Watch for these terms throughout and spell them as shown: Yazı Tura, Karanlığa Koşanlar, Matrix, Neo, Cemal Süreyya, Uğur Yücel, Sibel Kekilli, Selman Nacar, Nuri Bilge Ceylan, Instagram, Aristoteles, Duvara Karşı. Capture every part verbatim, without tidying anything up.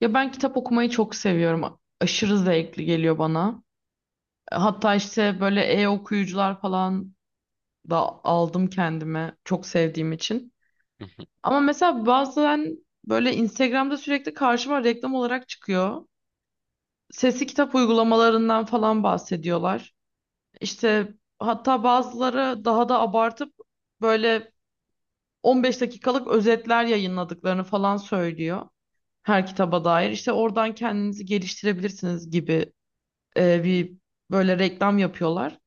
Ya ben kitap okumayı çok seviyorum. Aşırı zevkli geliyor bana. Hatta işte böyle e-okuyucular falan da aldım kendime çok sevdiğim için. Hı hı. Ama mesela bazen böyle Instagram'da sürekli karşıma reklam olarak çıkıyor. Sesli kitap uygulamalarından falan bahsediyorlar. İşte hatta bazıları daha da abartıp böyle on beş dakikalık özetler yayınladıklarını falan söylüyor her kitaba dair. İşte oradan kendinizi geliştirebilirsiniz gibi e, bir böyle reklam yapıyorlar.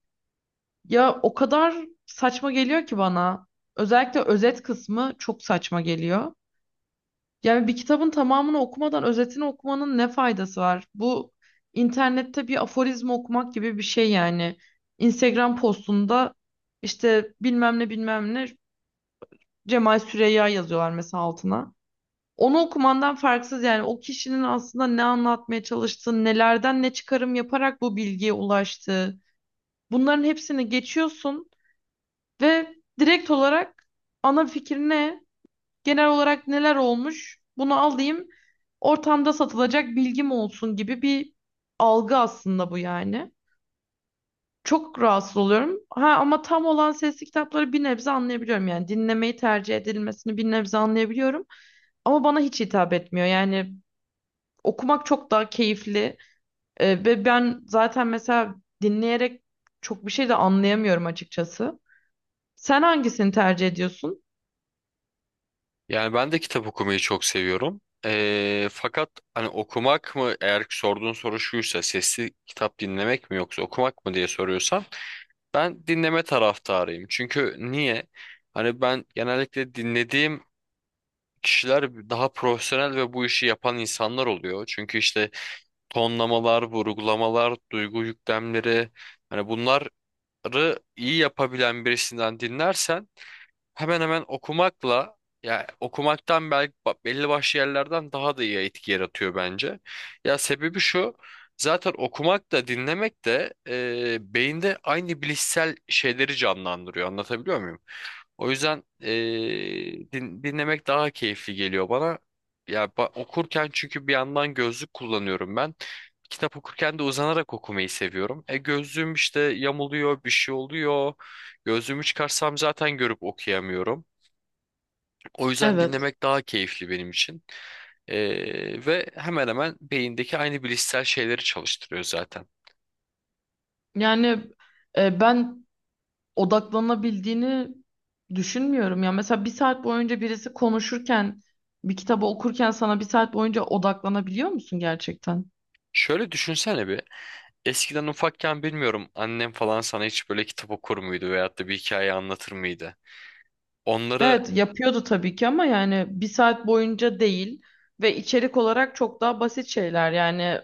Ya o kadar saçma geliyor ki bana. Özellikle özet kısmı çok saçma geliyor. Yani bir kitabın tamamını okumadan özetini okumanın ne faydası var? Bu internette bir aforizma okumak gibi bir şey yani. Instagram postunda işte bilmem ne bilmem ne Cemal Süreyya yazıyorlar mesela altına. Onu okumandan farksız yani o kişinin aslında ne anlatmaya çalıştığı, nelerden ne çıkarım yaparak bu bilgiye ulaştığı. Bunların hepsini geçiyorsun ve direkt olarak ana fikir ne? Genel olarak neler olmuş? Bunu alayım. Ortamda satılacak bilgim olsun gibi bir algı aslında bu yani. Çok rahatsız oluyorum. Ha ama tam olan sesli kitapları bir nebze anlayabiliyorum yani. Dinlemeyi tercih edilmesini bir nebze anlayabiliyorum. Ama bana hiç hitap etmiyor. Yani okumak çok daha keyifli. Ee, ve ben zaten mesela dinleyerek çok bir şey de anlayamıyorum açıkçası. Sen hangisini tercih ediyorsun? Yani ben de kitap okumayı çok seviyorum. Ee, fakat hani okumak mı eğer sorduğun soru şuysa sesli kitap dinlemek mi yoksa okumak mı diye soruyorsan ben dinleme taraftarıyım. Çünkü niye? Hani ben genellikle dinlediğim kişiler daha profesyonel ve bu işi yapan insanlar oluyor. Çünkü işte tonlamalar, vurgulamalar, duygu yüklemleri hani bunları iyi yapabilen birisinden dinlersen hemen hemen okumakla ya okumaktan belki ba- belli başlı yerlerden daha da iyi etki yaratıyor bence. Ya sebebi şu, zaten okumak da dinlemek de e, beyinde aynı bilişsel şeyleri canlandırıyor, anlatabiliyor muyum? O yüzden eee, din- dinlemek daha keyifli geliyor bana. Ya ba- okurken çünkü bir yandan gözlük kullanıyorum ben. Kitap okurken de uzanarak okumayı seviyorum. E gözlüğüm işte yamuluyor, bir şey oluyor. Gözlüğümü çıkarsam zaten görüp okuyamıyorum. O yüzden Evet. dinlemek daha keyifli benim için. Eee, ve hemen hemen beyindeki aynı bilişsel şeyleri çalıştırıyor zaten. Yani e, ben odaklanabildiğini düşünmüyorum. Ya mesela bir saat boyunca birisi konuşurken, bir kitabı okurken sana bir saat boyunca odaklanabiliyor musun gerçekten? Şöyle düşünsene bir. Eskiden ufakken bilmiyorum, annem falan sana hiç böyle kitap okur muydu veyahut da bir hikaye anlatır mıydı? Onları, Evet, yapıyordu tabii ki ama yani bir saat boyunca değil ve içerik olarak çok daha basit şeyler. Yani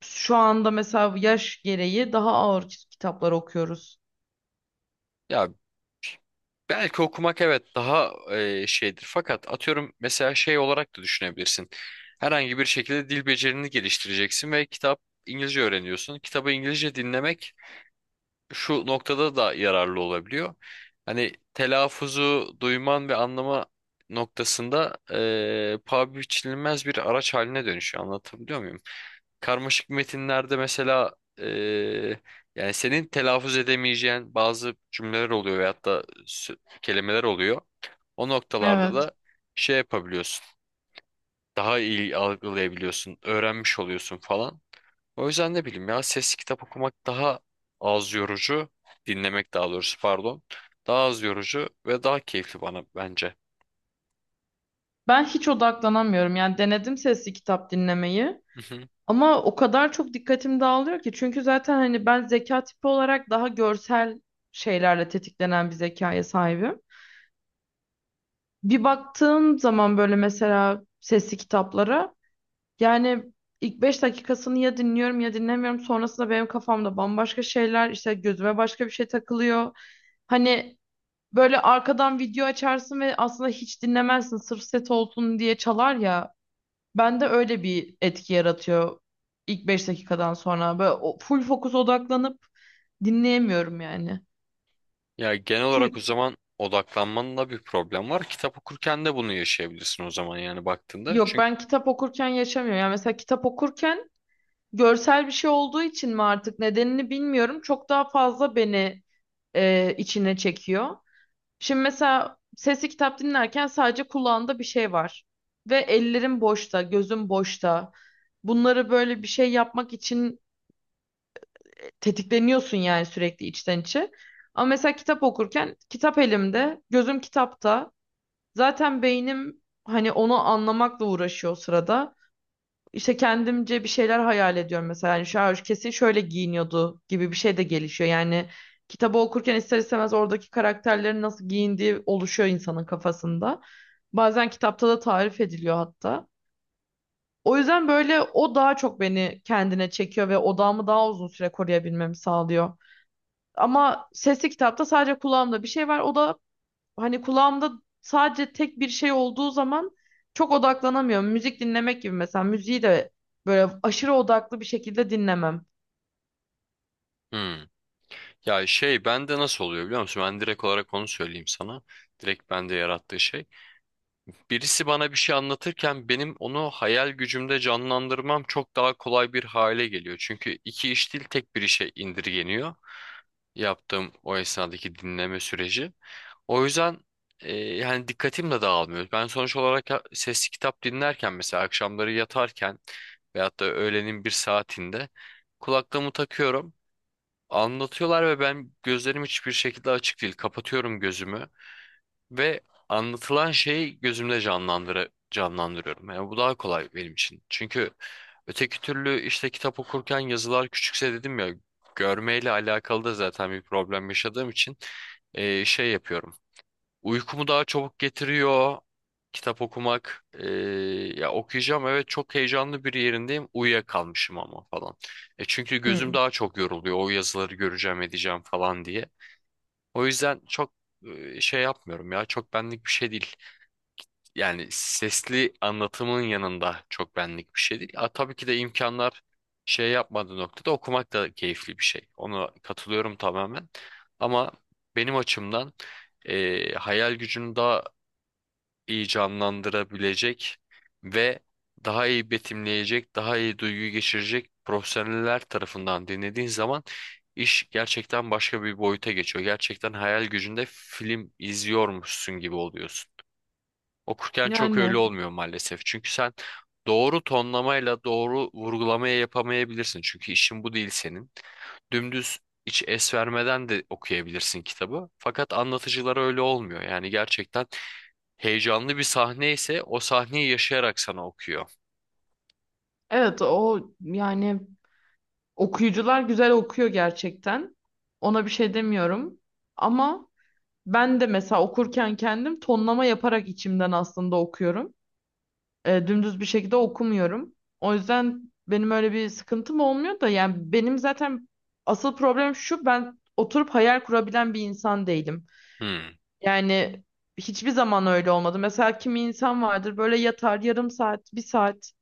şu anda mesela yaş gereği daha ağır kit- kitaplar okuyoruz. ya belki okumak evet daha e, şeydir fakat atıyorum mesela şey olarak da düşünebilirsin. Herhangi bir şekilde dil becerini geliştireceksin ve kitap, İngilizce öğreniyorsun. Kitabı İngilizce dinlemek şu noktada da yararlı olabiliyor. Hani telaffuzu duyman ve anlama noktasında e, paha biçilmez bir araç haline dönüşüyor. Anlatabiliyor muyum? Karmaşık metinlerde mesela eee, yani senin telaffuz edemeyeceğin bazı cümleler oluyor veyahut da sö- kelimeler oluyor. O noktalarda Evet. da şey yapabiliyorsun. Daha iyi algılayabiliyorsun, öğrenmiş oluyorsun falan. O yüzden ne bileyim, ya sesli kitap okumak daha az yorucu, dinlemek daha doğrusu, pardon. Daha az yorucu ve daha keyifli bana bence. Ben hiç odaklanamıyorum. Yani denedim sesli kitap dinlemeyi. Hı hı. Ama o kadar çok dikkatim dağılıyor ki çünkü zaten hani ben zeka tipi olarak daha görsel şeylerle tetiklenen bir zekaya sahibim. Bir baktığım zaman böyle mesela sesli kitaplara yani ilk beş dakikasını ya dinliyorum ya dinlemiyorum, sonrasında benim kafamda bambaşka şeyler, işte gözüme başka bir şey takılıyor. Hani böyle arkadan video açarsın ve aslında hiç dinlemezsin, sırf set olsun diye çalar ya. Bende öyle bir etki yaratıyor ilk beş dakikadan sonra. Böyle o- full fokus odaklanıp dinleyemiyorum yani. Ya genel Çünkü olarak o zaman odaklanmanla bir problem var. Kitap okurken de bunu yaşayabilirsin o zaman yani baktığında. yok, Çünkü ben kitap okurken yaşamıyorum. Yani mesela kitap okurken görsel bir şey olduğu için mi artık, nedenini bilmiyorum. Çok daha fazla beni e, içine çekiyor. Şimdi mesela sesli kitap dinlerken sadece kulağında bir şey var. Ve ellerim boşta, gözüm boşta. Bunları böyle bir şey yapmak için tetikleniyorsun yani sürekli, içten içe. Ama mesela kitap okurken kitap elimde, gözüm kitapta. Zaten beynim hani onu anlamakla uğraşıyor o sırada. İşte kendimce bir şeyler hayal ediyorum mesela. Yani şu an kesin şöyle giyiniyordu gibi bir şey de gelişiyor. Yani kitabı okurken ister istemez oradaki karakterlerin nasıl giyindiği oluşuyor insanın kafasında. Bazen kitapta da tarif ediliyor hatta. O yüzden böyle o daha çok beni kendine çekiyor ve odağımı daha uzun süre koruyabilmemi sağlıyor. Ama sesli kitapta sadece kulağımda bir şey var. O da hani kulağımda sadece tek bir şey olduğu zaman çok odaklanamıyorum. Müzik dinlemek gibi, mesela müziği de böyle aşırı odaklı bir şekilde dinlemem. Hmm. Ya şey bende nasıl oluyor biliyor musun? Ben direkt olarak onu söyleyeyim sana. Direkt bende yarattığı şey. Birisi bana bir şey anlatırken benim onu hayal gücümde canlandırmam çok daha kolay bir hale geliyor. Çünkü iki iş değil, tek bir işe indirgeniyor. Yaptığım o esnadaki dinleme süreci. O yüzden e, yani dikkatim de dağılmıyor. Ben sonuç olarak ya- sesli kitap dinlerken mesela akşamları yatarken veyahut da öğlenin bir saatinde kulaklığımı takıyorum. Anlatıyorlar ve ben gözlerim hiçbir şekilde açık değil. Kapatıyorum gözümü ve anlatılan şeyi gözümde canlandır canlandırıyorum. Yani bu daha kolay benim için. Çünkü öteki türlü işte kitap okurken yazılar küçükse, dedim ya, görmeyle alakalı da zaten bir problem yaşadığım için e, şey yapıyorum. Uykumu daha çabuk getiriyor kitap okumak. Ee, ya okuyacağım, evet, çok heyecanlı bir yerindeyim. Uyuyakalmışım ama falan. E çünkü gözüm Hmm. daha çok yoruluyor. O yazıları göreceğim edeceğim falan diye. O yüzden çok e, şey yapmıyorum ya. Çok benlik bir şey değil. Yani sesli anlatımın yanında çok benlik bir şey değil. Ha, tabii ki de imkanlar şey yapmadığı noktada okumak da keyifli bir şey. Ona katılıyorum tamamen. Ama benim açımdan e, hayal gücünü daha iyi canlandırabilecek ve daha iyi betimleyecek, daha iyi duygu geçirecek profesyoneller tarafından dinlediğin zaman iş gerçekten başka bir boyuta geçiyor. Gerçekten hayal gücünde film izliyormuşsun gibi oluyorsun. Okurken çok öyle Yani olmuyor maalesef. Çünkü sen doğru tonlamayla doğru vurgulamaya yapamayabilirsin. Çünkü işin bu değil senin. Dümdüz hiç es vermeden de okuyabilirsin kitabı. Fakat anlatıcılar öyle olmuyor. Yani gerçekten heyecanlı bir sahne ise o sahneyi yaşayarak sana okuyor. evet, o yani okuyucular güzel okuyor gerçekten. Ona bir şey demiyorum. Ama ben de mesela okurken kendim tonlama yaparak içimden aslında okuyorum. E, dümdüz bir şekilde okumuyorum. O yüzden benim öyle bir sıkıntım olmuyor da yani benim zaten asıl problemim şu: ben oturup hayal kurabilen bir insan değilim. Hmm. Yani hiçbir zaman öyle olmadı. Mesela kimi insan vardır, böyle yatar yarım saat, bir saat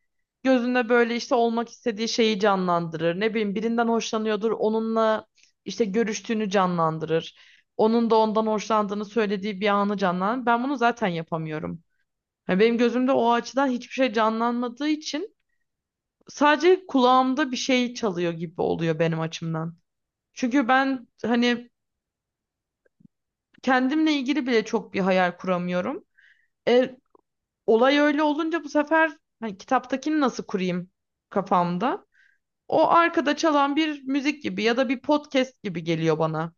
gözünde böyle işte olmak istediği şeyi canlandırır. Ne bileyim, birinden hoşlanıyordur, onunla işte görüştüğünü canlandırır. Onun da ondan hoşlandığını söylediği bir anı canlandırır. Ben bunu zaten yapamıyorum. Ya benim gözümde o açıdan hiçbir şey canlanmadığı için sadece kulağımda bir şey çalıyor gibi oluyor benim açımdan. Çünkü ben hani kendimle ilgili bile çok bir hayal kuramıyorum. E, Olay öyle olunca bu sefer hani kitaptakini nasıl kurayım kafamda? O arkada çalan bir müzik gibi ya da bir podcast gibi geliyor bana.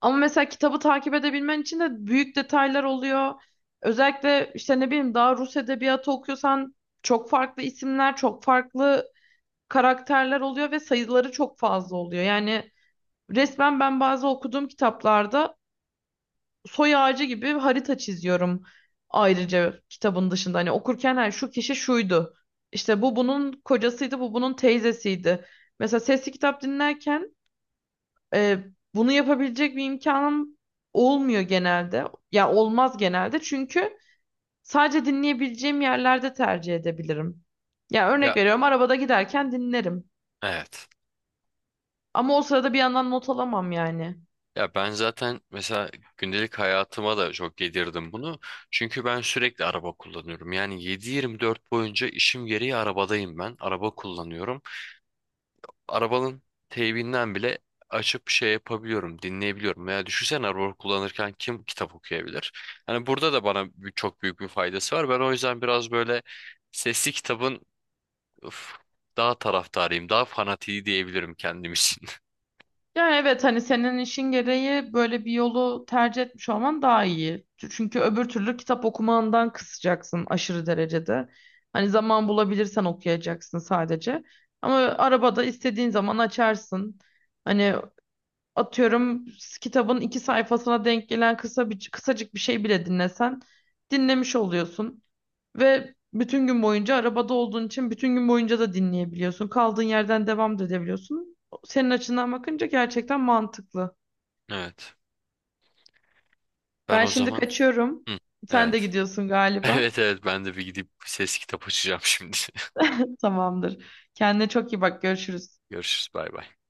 Ama mesela kitabı takip edebilmen için de büyük detaylar oluyor. Özellikle işte ne bileyim, daha Rus edebiyatı okuyorsan çok farklı isimler, çok farklı karakterler oluyor ve sayıları çok fazla oluyor. Yani resmen ben bazı okuduğum kitaplarda soy ağacı gibi harita çiziyorum ayrıca kitabın dışında. Hani okurken her şu kişi şuydu. İşte bu bunun kocasıydı, bu bunun teyzesiydi. Mesela sesli kitap dinlerken e, bunu yapabilecek bir imkanım olmuyor genelde. Ya olmaz genelde çünkü sadece dinleyebileceğim yerlerde tercih edebilirim. Ya örnek Ya, veriyorum, arabada giderken dinlerim. evet. Ama o sırada bir yandan not alamam yani. Ya ben zaten mesela gündelik hayatıma da çok yedirdim bunu. Çünkü ben sürekli araba kullanıyorum. Yani yedi yirmi dört boyunca işim gereği arabadayım ben. Araba kullanıyorum. Arabanın teybinden bile açıp şey yapabiliyorum, dinleyebiliyorum. Veya düşünsene, araba kullanırken kim kitap okuyabilir? Hani burada da bana bir- çok büyük bir faydası var. Ben o yüzden biraz böyle sesli kitabın, öf, daha taraftarıyım, daha fanatiği diyebilirim kendim için. Yani evet, hani senin işin gereği böyle bir yolu tercih etmiş olman daha iyi. Çünkü öbür türlü kitap okumandan kısacaksın aşırı derecede. Hani zaman bulabilirsen okuyacaksın sadece. Ama arabada istediğin zaman açarsın. Hani atıyorum, kitabın iki sayfasına denk gelen kısa bir, kısacık bir şey bile dinlesen dinlemiş oluyorsun. Ve bütün gün boyunca arabada olduğun için bütün gün boyunca da dinleyebiliyorsun. Kaldığın yerden devam da edebiliyorsun. Senin açından bakınca gerçekten mantıklı. Evet. Ben Ben o şimdi zaman şimdi kaçıyorum. Hı, tamam. Sen de Evet. gidiyorsun galiba. Evet, evet, ben de bir gidip ses kitap açacağım şimdi. Tamamdır. Kendine çok iyi bak. Görüşürüz. Görüşürüz, bay bay.